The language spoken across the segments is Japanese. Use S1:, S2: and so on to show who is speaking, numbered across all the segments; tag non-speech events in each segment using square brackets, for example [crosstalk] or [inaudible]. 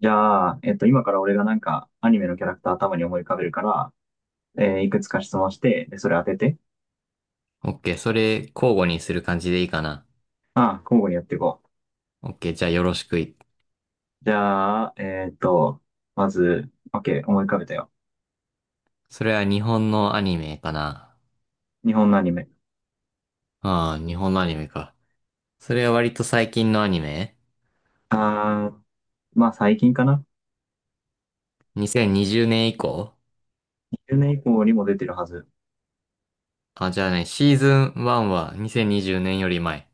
S1: じゃあ、今から俺がなんか、アニメのキャラクター頭に思い浮かべるから、いくつか質問して、で、それ当てて。
S2: オッケー、それ交互にする感じでいいかな。
S1: ああ、交互にやっていこう。
S2: オッケー、じゃあよろしくい。
S1: じゃあ、まず、OK、思い浮かべたよ。
S2: それは日本のアニメかな。
S1: 日本のアニメ。
S2: ああ、日本のアニメか。それは割と最近のアニメ。
S1: ああ、まあ最近かな。
S2: 2020 年以降？
S1: 20年以降にも出てるはず。
S2: あ、じゃあね、シーズン1は2020年より前。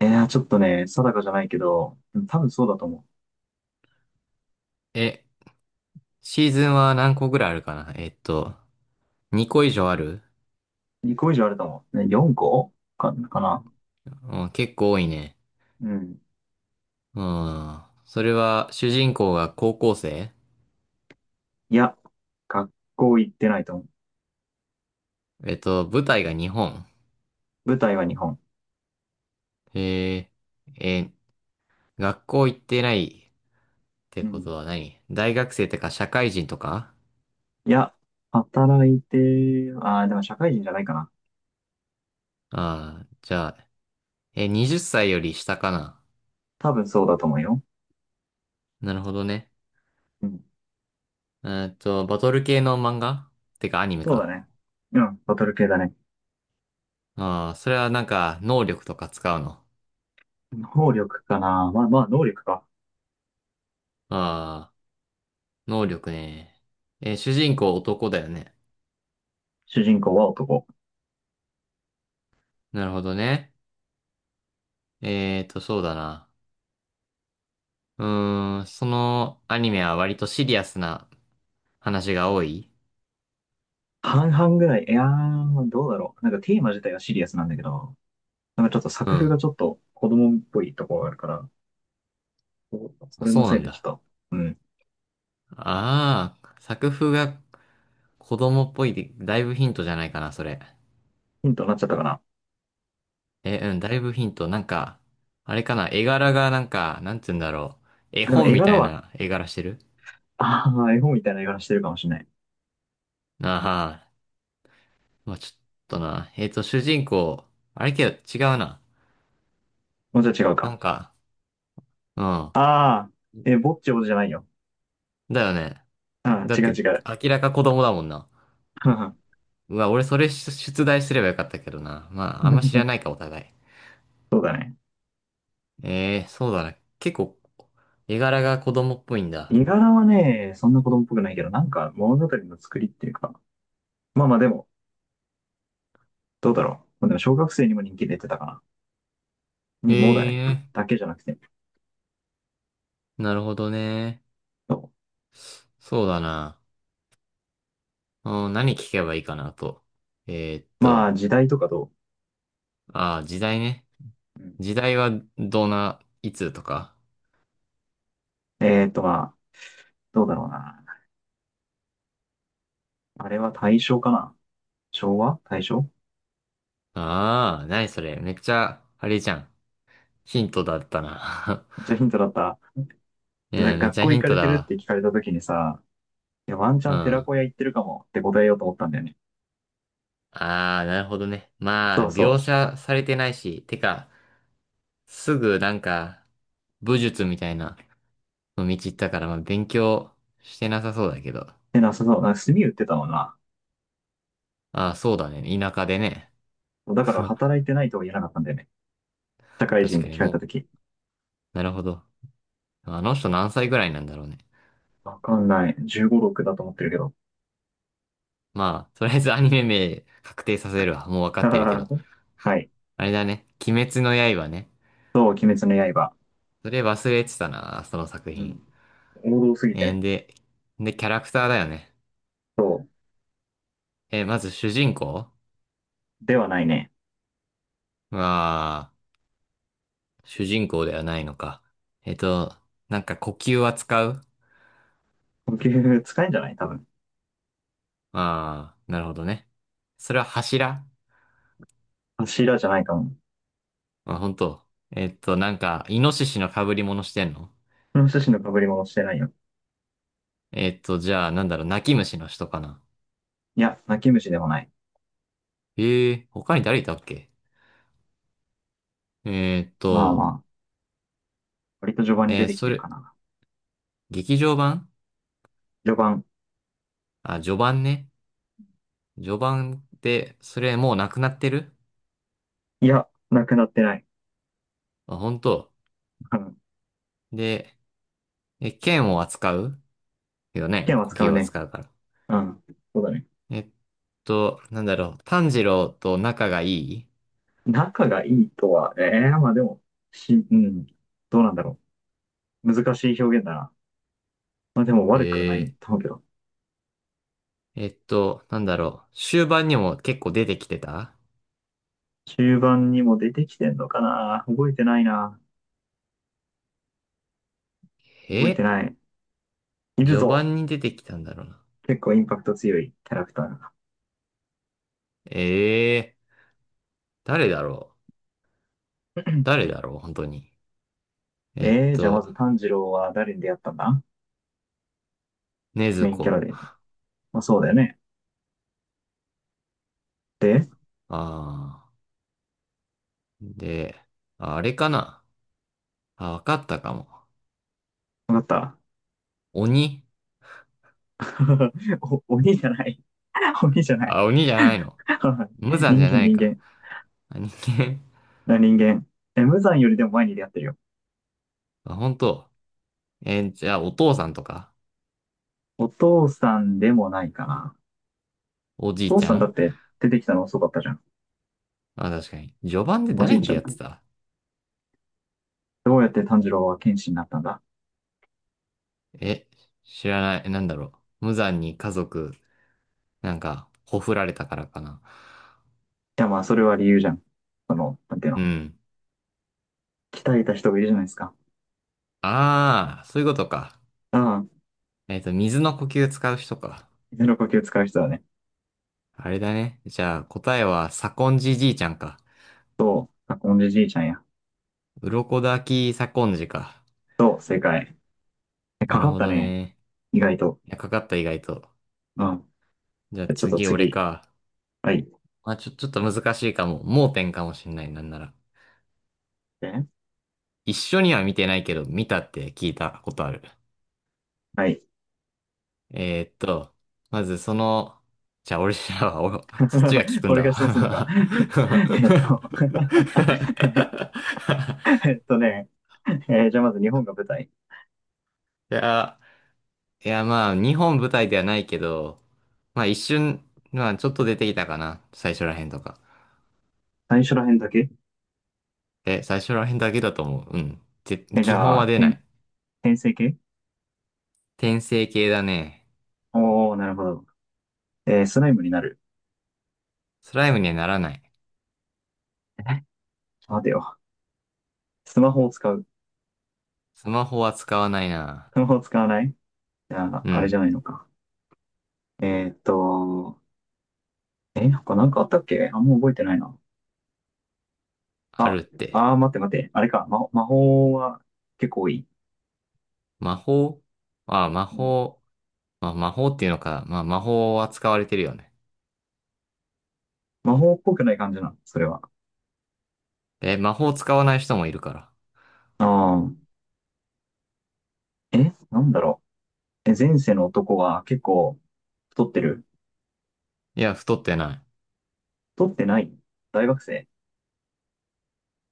S1: ちょっとね、定かじゃないけど、多分そうだと思
S2: え、シーズンは何個ぐらいあるかな。2個以上ある？
S1: う。2個以上あると思う。ね、4個かな。
S2: うん、結構多いね。
S1: うん。
S2: うん。それは主人公が高校生？
S1: いや、学校行ってないと思う。
S2: 舞台が日本。
S1: 舞台は日本。
S2: えー、えー、学校行ってない。て
S1: う
S2: こ
S1: ん。
S2: とは何？大学生とか社会人とか？
S1: いや、働いて、ああ、でも社会人じゃないかな。
S2: じゃあ、20歳より下かな。
S1: 多分そうだと思うよ。
S2: なるほどね。
S1: うん。
S2: バトル系の漫画、てかアニメ
S1: そうだ
S2: か。
S1: ね。うん、バトル系だね。
S2: ああ、それはなんか能力とか使うの？
S1: 能力かな。まあまあ、能力か。
S2: ああ、能力ね。主人公男だよね。
S1: 主人公は男。
S2: なるほどね。そうだな。そのアニメは割とシリアスな話が多い？
S1: 半々ぐらい。いやー、どうだろう。なんかテーマ自体はシリアスなんだけど、なんかちょっと
S2: う
S1: 作風が
S2: ん。
S1: ちょっと子供っぽいところがあるから、そうそ
S2: あ、
S1: れの
S2: そう
S1: せ
S2: な
S1: い
S2: ん
S1: でちょっ
S2: だ。
S1: と、うん、
S2: ああ、作風が子供っぽいで、だいぶヒントじゃないかな、それ。
S1: ヒントになっちゃったかな。
S2: え、うん、だいぶヒント。なんか、あれかな、絵柄がなんか、なんて言うんだろう。絵
S1: でも
S2: 本
S1: 絵
S2: み
S1: 柄
S2: たい
S1: は、
S2: な絵柄してる？
S1: ああ、絵本みたいな絵柄してるかもしれない。
S2: ああ、まあちょっとな。主人公、あれけど違うな。
S1: もうちょっと違う
S2: な
S1: か。
S2: んか、うん。
S1: ああ、ぼっちほどじゃないよ。
S2: だよね。
S1: あ
S2: だ
S1: あ、
S2: っ
S1: 違う違
S2: て、
S1: う。
S2: 明らか子供だもんな。
S1: [laughs]
S2: うわ、俺それ出題すればよかったけどな。まあ、あんま知らないか、お互い。
S1: そうだね。
S2: ええー、そうだな。結構、絵柄が子供っぽいんだ。
S1: 絵柄はね、そんな子供っぽくないけど、なんか物語の作りっていうか、まあまあでも、どうだろう。まあ、でも小学生にも人気出てたかな。
S2: へ
S1: にもだね。
S2: え、
S1: だけじゃなくて。
S2: なるほどね。
S1: そ
S2: そうだな。うん、何聞けばいいかなと。えーっ
S1: うまあ
S2: と、
S1: 時代とかど
S2: ああ、時代ね。
S1: う？うん。
S2: 時代はどんな、いつとか。
S1: まあ、どうだろうな。あれは大正かな。昭和大正。
S2: ああ、何それ。めっちゃ、あれじゃん。ヒントだったな。
S1: じゃあヒントだった。
S2: [laughs] う
S1: でだ
S2: ん、
S1: か
S2: め
S1: ら
S2: っ
S1: 学
S2: ちゃ
S1: 校
S2: ヒ
S1: 行
S2: ン
S1: か
S2: ト
S1: れ
S2: だ
S1: てるっ
S2: わ。
S1: て聞かれた時にさ、いやワンチ
S2: う
S1: ャン寺
S2: ん。
S1: 子屋行ってるかもって答えようと思ったんだよね。
S2: ああ、なるほどね。ま
S1: そ
S2: あ、
S1: う
S2: 描
S1: そう。
S2: 写されてないし、てか、すぐなんか、武術みたいなの道行ったから、まあ、勉強してなさそうだけど。
S1: で、なさそう。なんか炭売ってたもんな。
S2: ああ、そうだね。田舎でね。
S1: だから
S2: [laughs]
S1: 働いてないとは言えなかったんだよね。社会人
S2: 確
S1: って
S2: かに
S1: 聞かれた
S2: も
S1: 時。
S2: う、なるほど。あの人何歳ぐらいなんだろうね。
S1: わかんない。15、6だと思ってるけど。
S2: まあ、とりあえずアニメ名確定させるわ。もうわかってるけど。
S1: [laughs] はい。
S2: あれだね。鬼滅の刃ね。
S1: そう、鬼滅の刃。
S2: それ忘れてたな、その作
S1: う
S2: 品。
S1: ん。王道すぎて
S2: えー、
S1: ね。
S2: で、で、キャラクターだよね。
S1: そ
S2: まず主人公？
S1: う。ではないね。
S2: まあ、主人公ではないのか。えっと、なんか呼吸は使う？
S1: 呼吸使えんじゃない多分。
S2: ああー、なるほどね。それは柱？
S1: 柱じゃないかも。こ
S2: まあ、本当。なんか、イノシシの被り物してんの？
S1: の趣旨の被り物してないよ。
S2: じゃあ、なんだろう、泣き虫の人かな。
S1: いや、泣き虫でもない。
S2: 他に誰いたっけ？えっ
S1: まあ
S2: と、
S1: まあ、割と序盤に出てき
S2: そ
S1: てるか
S2: れ、
S1: な。
S2: 劇場版？
S1: 序盤。
S2: あ、序盤ね。序盤って、それもうなくなってる？
S1: いや、なくなってない。
S2: あ、本当。
S1: うん。
S2: で、剣を扱うよね。
S1: 剣は
S2: 呼
S1: 使
S2: 吸
S1: う
S2: を
S1: ね。
S2: 扱うから。
S1: うん。そうだね。
S2: えっなんだろう、炭治郎と仲がいい？
S1: 仲がいいとはね、ええまあでも、うん。どうなんだろう。難しい表現だな。まあでも悪くはない
S2: え
S1: と思うけど。
S2: なんだろう、終盤にも結構出てきてた？
S1: 中盤にも出てきてんのかな。覚えてないな。覚えて
S2: え
S1: ない。いる
S2: 序
S1: ぞ。
S2: 盤に出てきたんだろうな。
S1: 結構インパクト強いキャラクターが。
S2: ええ誰だろう、誰だろう、本当に。えっ
S1: じゃあま
S2: と、
S1: ず炭治郎は誰に出会ったんだ？
S2: ねず
S1: メインキャ
S2: こ。
S1: ラで。まあそうだよね。で、
S2: ああ。で、あれかな。あ、わかったかも。
S1: わかった。
S2: 鬼？
S1: [laughs] お、鬼じゃない。[laughs] 鬼じゃない。
S2: あ、鬼じゃないの。無
S1: [laughs]
S2: 惨じ
S1: 人
S2: ゃ
S1: 間、
S2: ない
S1: 人
S2: か。
S1: 間。
S2: あ、人間。
S1: あ人間。無惨よりでも前に出会ってるよ。
S2: [laughs] あ、本当。じゃあ、お父さんとか
S1: お父さんでもないかな。
S2: おじ
S1: お
S2: い
S1: 父
S2: ち
S1: さ
S2: ゃ
S1: んだっ
S2: ん？
S1: て出てきたの遅かったじゃん。
S2: あ、確かに。序盤で
S1: おじ
S2: 誰
S1: い
S2: に
S1: ちゃ
S2: 出
S1: ん。
S2: 会ってた？
S1: どうやって炭治郎は剣士になったんだ？
S2: え、知らない。なんだろう。無惨に家族、なんか、ほふられたからかな。
S1: や、まあ、それは理由じゃん。その、なんていう
S2: う
S1: の。
S2: ん。
S1: 鍛えた人がいるじゃないですか。
S2: ああ、そういうことか。
S1: ああ、
S2: 水の呼吸使う人か。
S1: 手の呼吸使う人はね。
S2: あれだね。じゃあ答えは左近ンじいちゃんか。
S1: と、コンジじいちゃんや。
S2: 鱗滝左近次か。
S1: と、正解。
S2: な
S1: か
S2: る
S1: かっ
S2: ほ
S1: た
S2: ど
S1: ね。
S2: ね。
S1: 意外と。
S2: いや、かかった意外と。
S1: うん。
S2: じゃあ
S1: じゃちょっと
S2: 次俺
S1: 次。
S2: か。
S1: はい。
S2: まあちょっと難しいかも。盲点かもしんないなんなら。
S1: え
S2: 一緒には見てないけど、見たって聞いたことある。
S1: はい。
S2: えーっと、まずその、じゃあ俺らは、[laughs] お。そっちが聞
S1: [laughs]
S2: くん
S1: これ
S2: だ
S1: が質問するのか。
S2: わ。
S1: [laughs] えっと [laughs]、えっとね。じゃあまず日本が舞台。
S2: [laughs] いや、いや、まあ、日本舞台ではないけど、まあ一瞬、まあちょっと出てきたかな。最初らへんとか。
S1: 最初ら辺だけ
S2: え、最初らへんだけだと思う。うん。
S1: じ
S2: 基
S1: ゃ
S2: 本
S1: あ、
S2: は出な
S1: 転
S2: い。
S1: 転生系。
S2: 転生系だね。
S1: おー、なるほど。スライムになる。
S2: スライムにはならない。
S1: ちょっと待てよ。スマホを使う。
S2: スマホは使わないな。
S1: スマホを使わない。じゃあ、
S2: う
S1: あれじ
S2: ん。
S1: ゃないのか。えーっと、他なんかあったっけ。あんま覚えてないな。
S2: あ
S1: あ、
S2: るって。
S1: 待って待って。あれか。魔法は結構多い。
S2: 魔法？ああ、魔
S1: うん、
S2: 法。まあ、魔法っていうのか。まあ、魔法は使われてるよね。
S1: 魔法っぽくない感じなの、それは。
S2: え、魔法使わない人もいるから。
S1: ああ、なんだろう。前世の男は結構太ってる。
S2: いや、太ってない。
S1: 太ってない。大学生。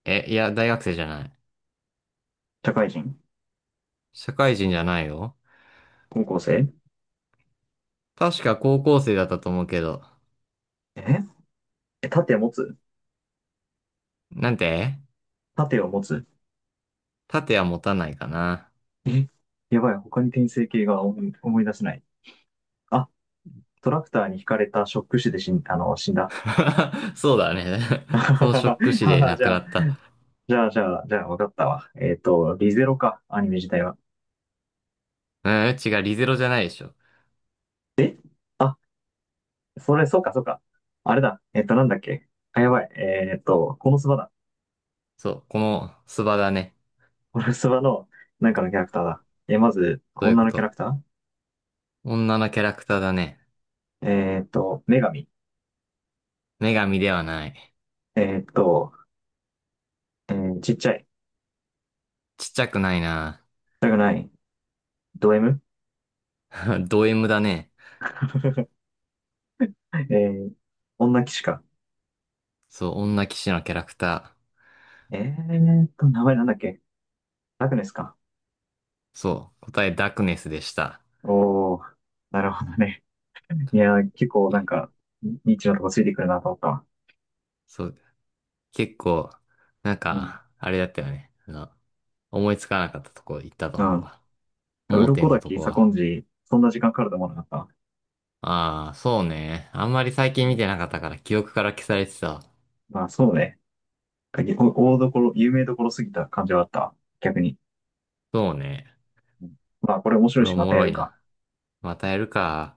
S2: え、いや、大学生じゃない。
S1: 社会人。
S2: 社会人じゃないよ。
S1: 高校生。
S2: 確か高校生だったと思うけど。
S1: ええ、盾持つ。
S2: なんて、
S1: 盾を持つ。
S2: 盾は持たないかな。
S1: え、やばい。他に転生系が思い出せない。あ、トラクターに引かれたショック死で死んだ。
S2: [laughs] そうだね。
S1: [laughs] は
S2: [laughs] そ
S1: は
S2: のショック死
S1: は
S2: で
S1: は。
S2: 亡
S1: じ
S2: く
S1: ゃ
S2: な
S1: あ、
S2: った。
S1: じゃあ、じゃあ、じゃあ、わかったわ。リゼロか、アニメ自体は。
S2: うん、違う、リゼロじゃないでしょ。
S1: あ、それ、そうか、そうか。あれだ。なんだっけ。あ、やばい。このスバだ。
S2: そう、このスバだね。
S1: このスバの、なんかのキャラクターだ。まず、
S2: そういう
S1: 女
S2: こ
S1: のキャラ
S2: と。
S1: クタ
S2: 女のキャラクターだね。
S1: ー。女神。
S2: 女神ではない。
S1: えっと、ちっちゃい。
S2: ちっちゃくないな。
S1: だがない。ド M？
S2: [laughs] ド M だね。
S1: [laughs] えー、女騎士か。
S2: そう、女騎士のキャラクター。
S1: え名前なんだっけ。ラグネスか。
S2: そう、答えダークネスでした。
S1: おー、なるほどね。いやー、結構、
S2: い
S1: なん
S2: え、
S1: か、ニッチなとこついてくるなと思ったわ。
S2: そう、結構、なん
S1: うん。
S2: か、あれだったよね。あの、思いつかなかったとこ行ったと
S1: う
S2: 思う
S1: ん。
S2: わ。盲
S1: 鱗
S2: 点のと
S1: 滝、
S2: こ
S1: 左
S2: は。
S1: 近寺、そんな時間かかると思わなかった。
S2: ああ、そうね。あんまり最
S1: う
S2: 近見
S1: ん。
S2: てなかったから記憶から消されてたわ。
S1: まあそうね。大どころ、有名どころすぎた感じはあった。逆に。
S2: そうね。
S1: うん。まあこれ面白
S2: こ
S1: い
S2: れお
S1: しまた
S2: も
S1: や
S2: ろ
S1: る
S2: い
S1: か。
S2: な。またやるか。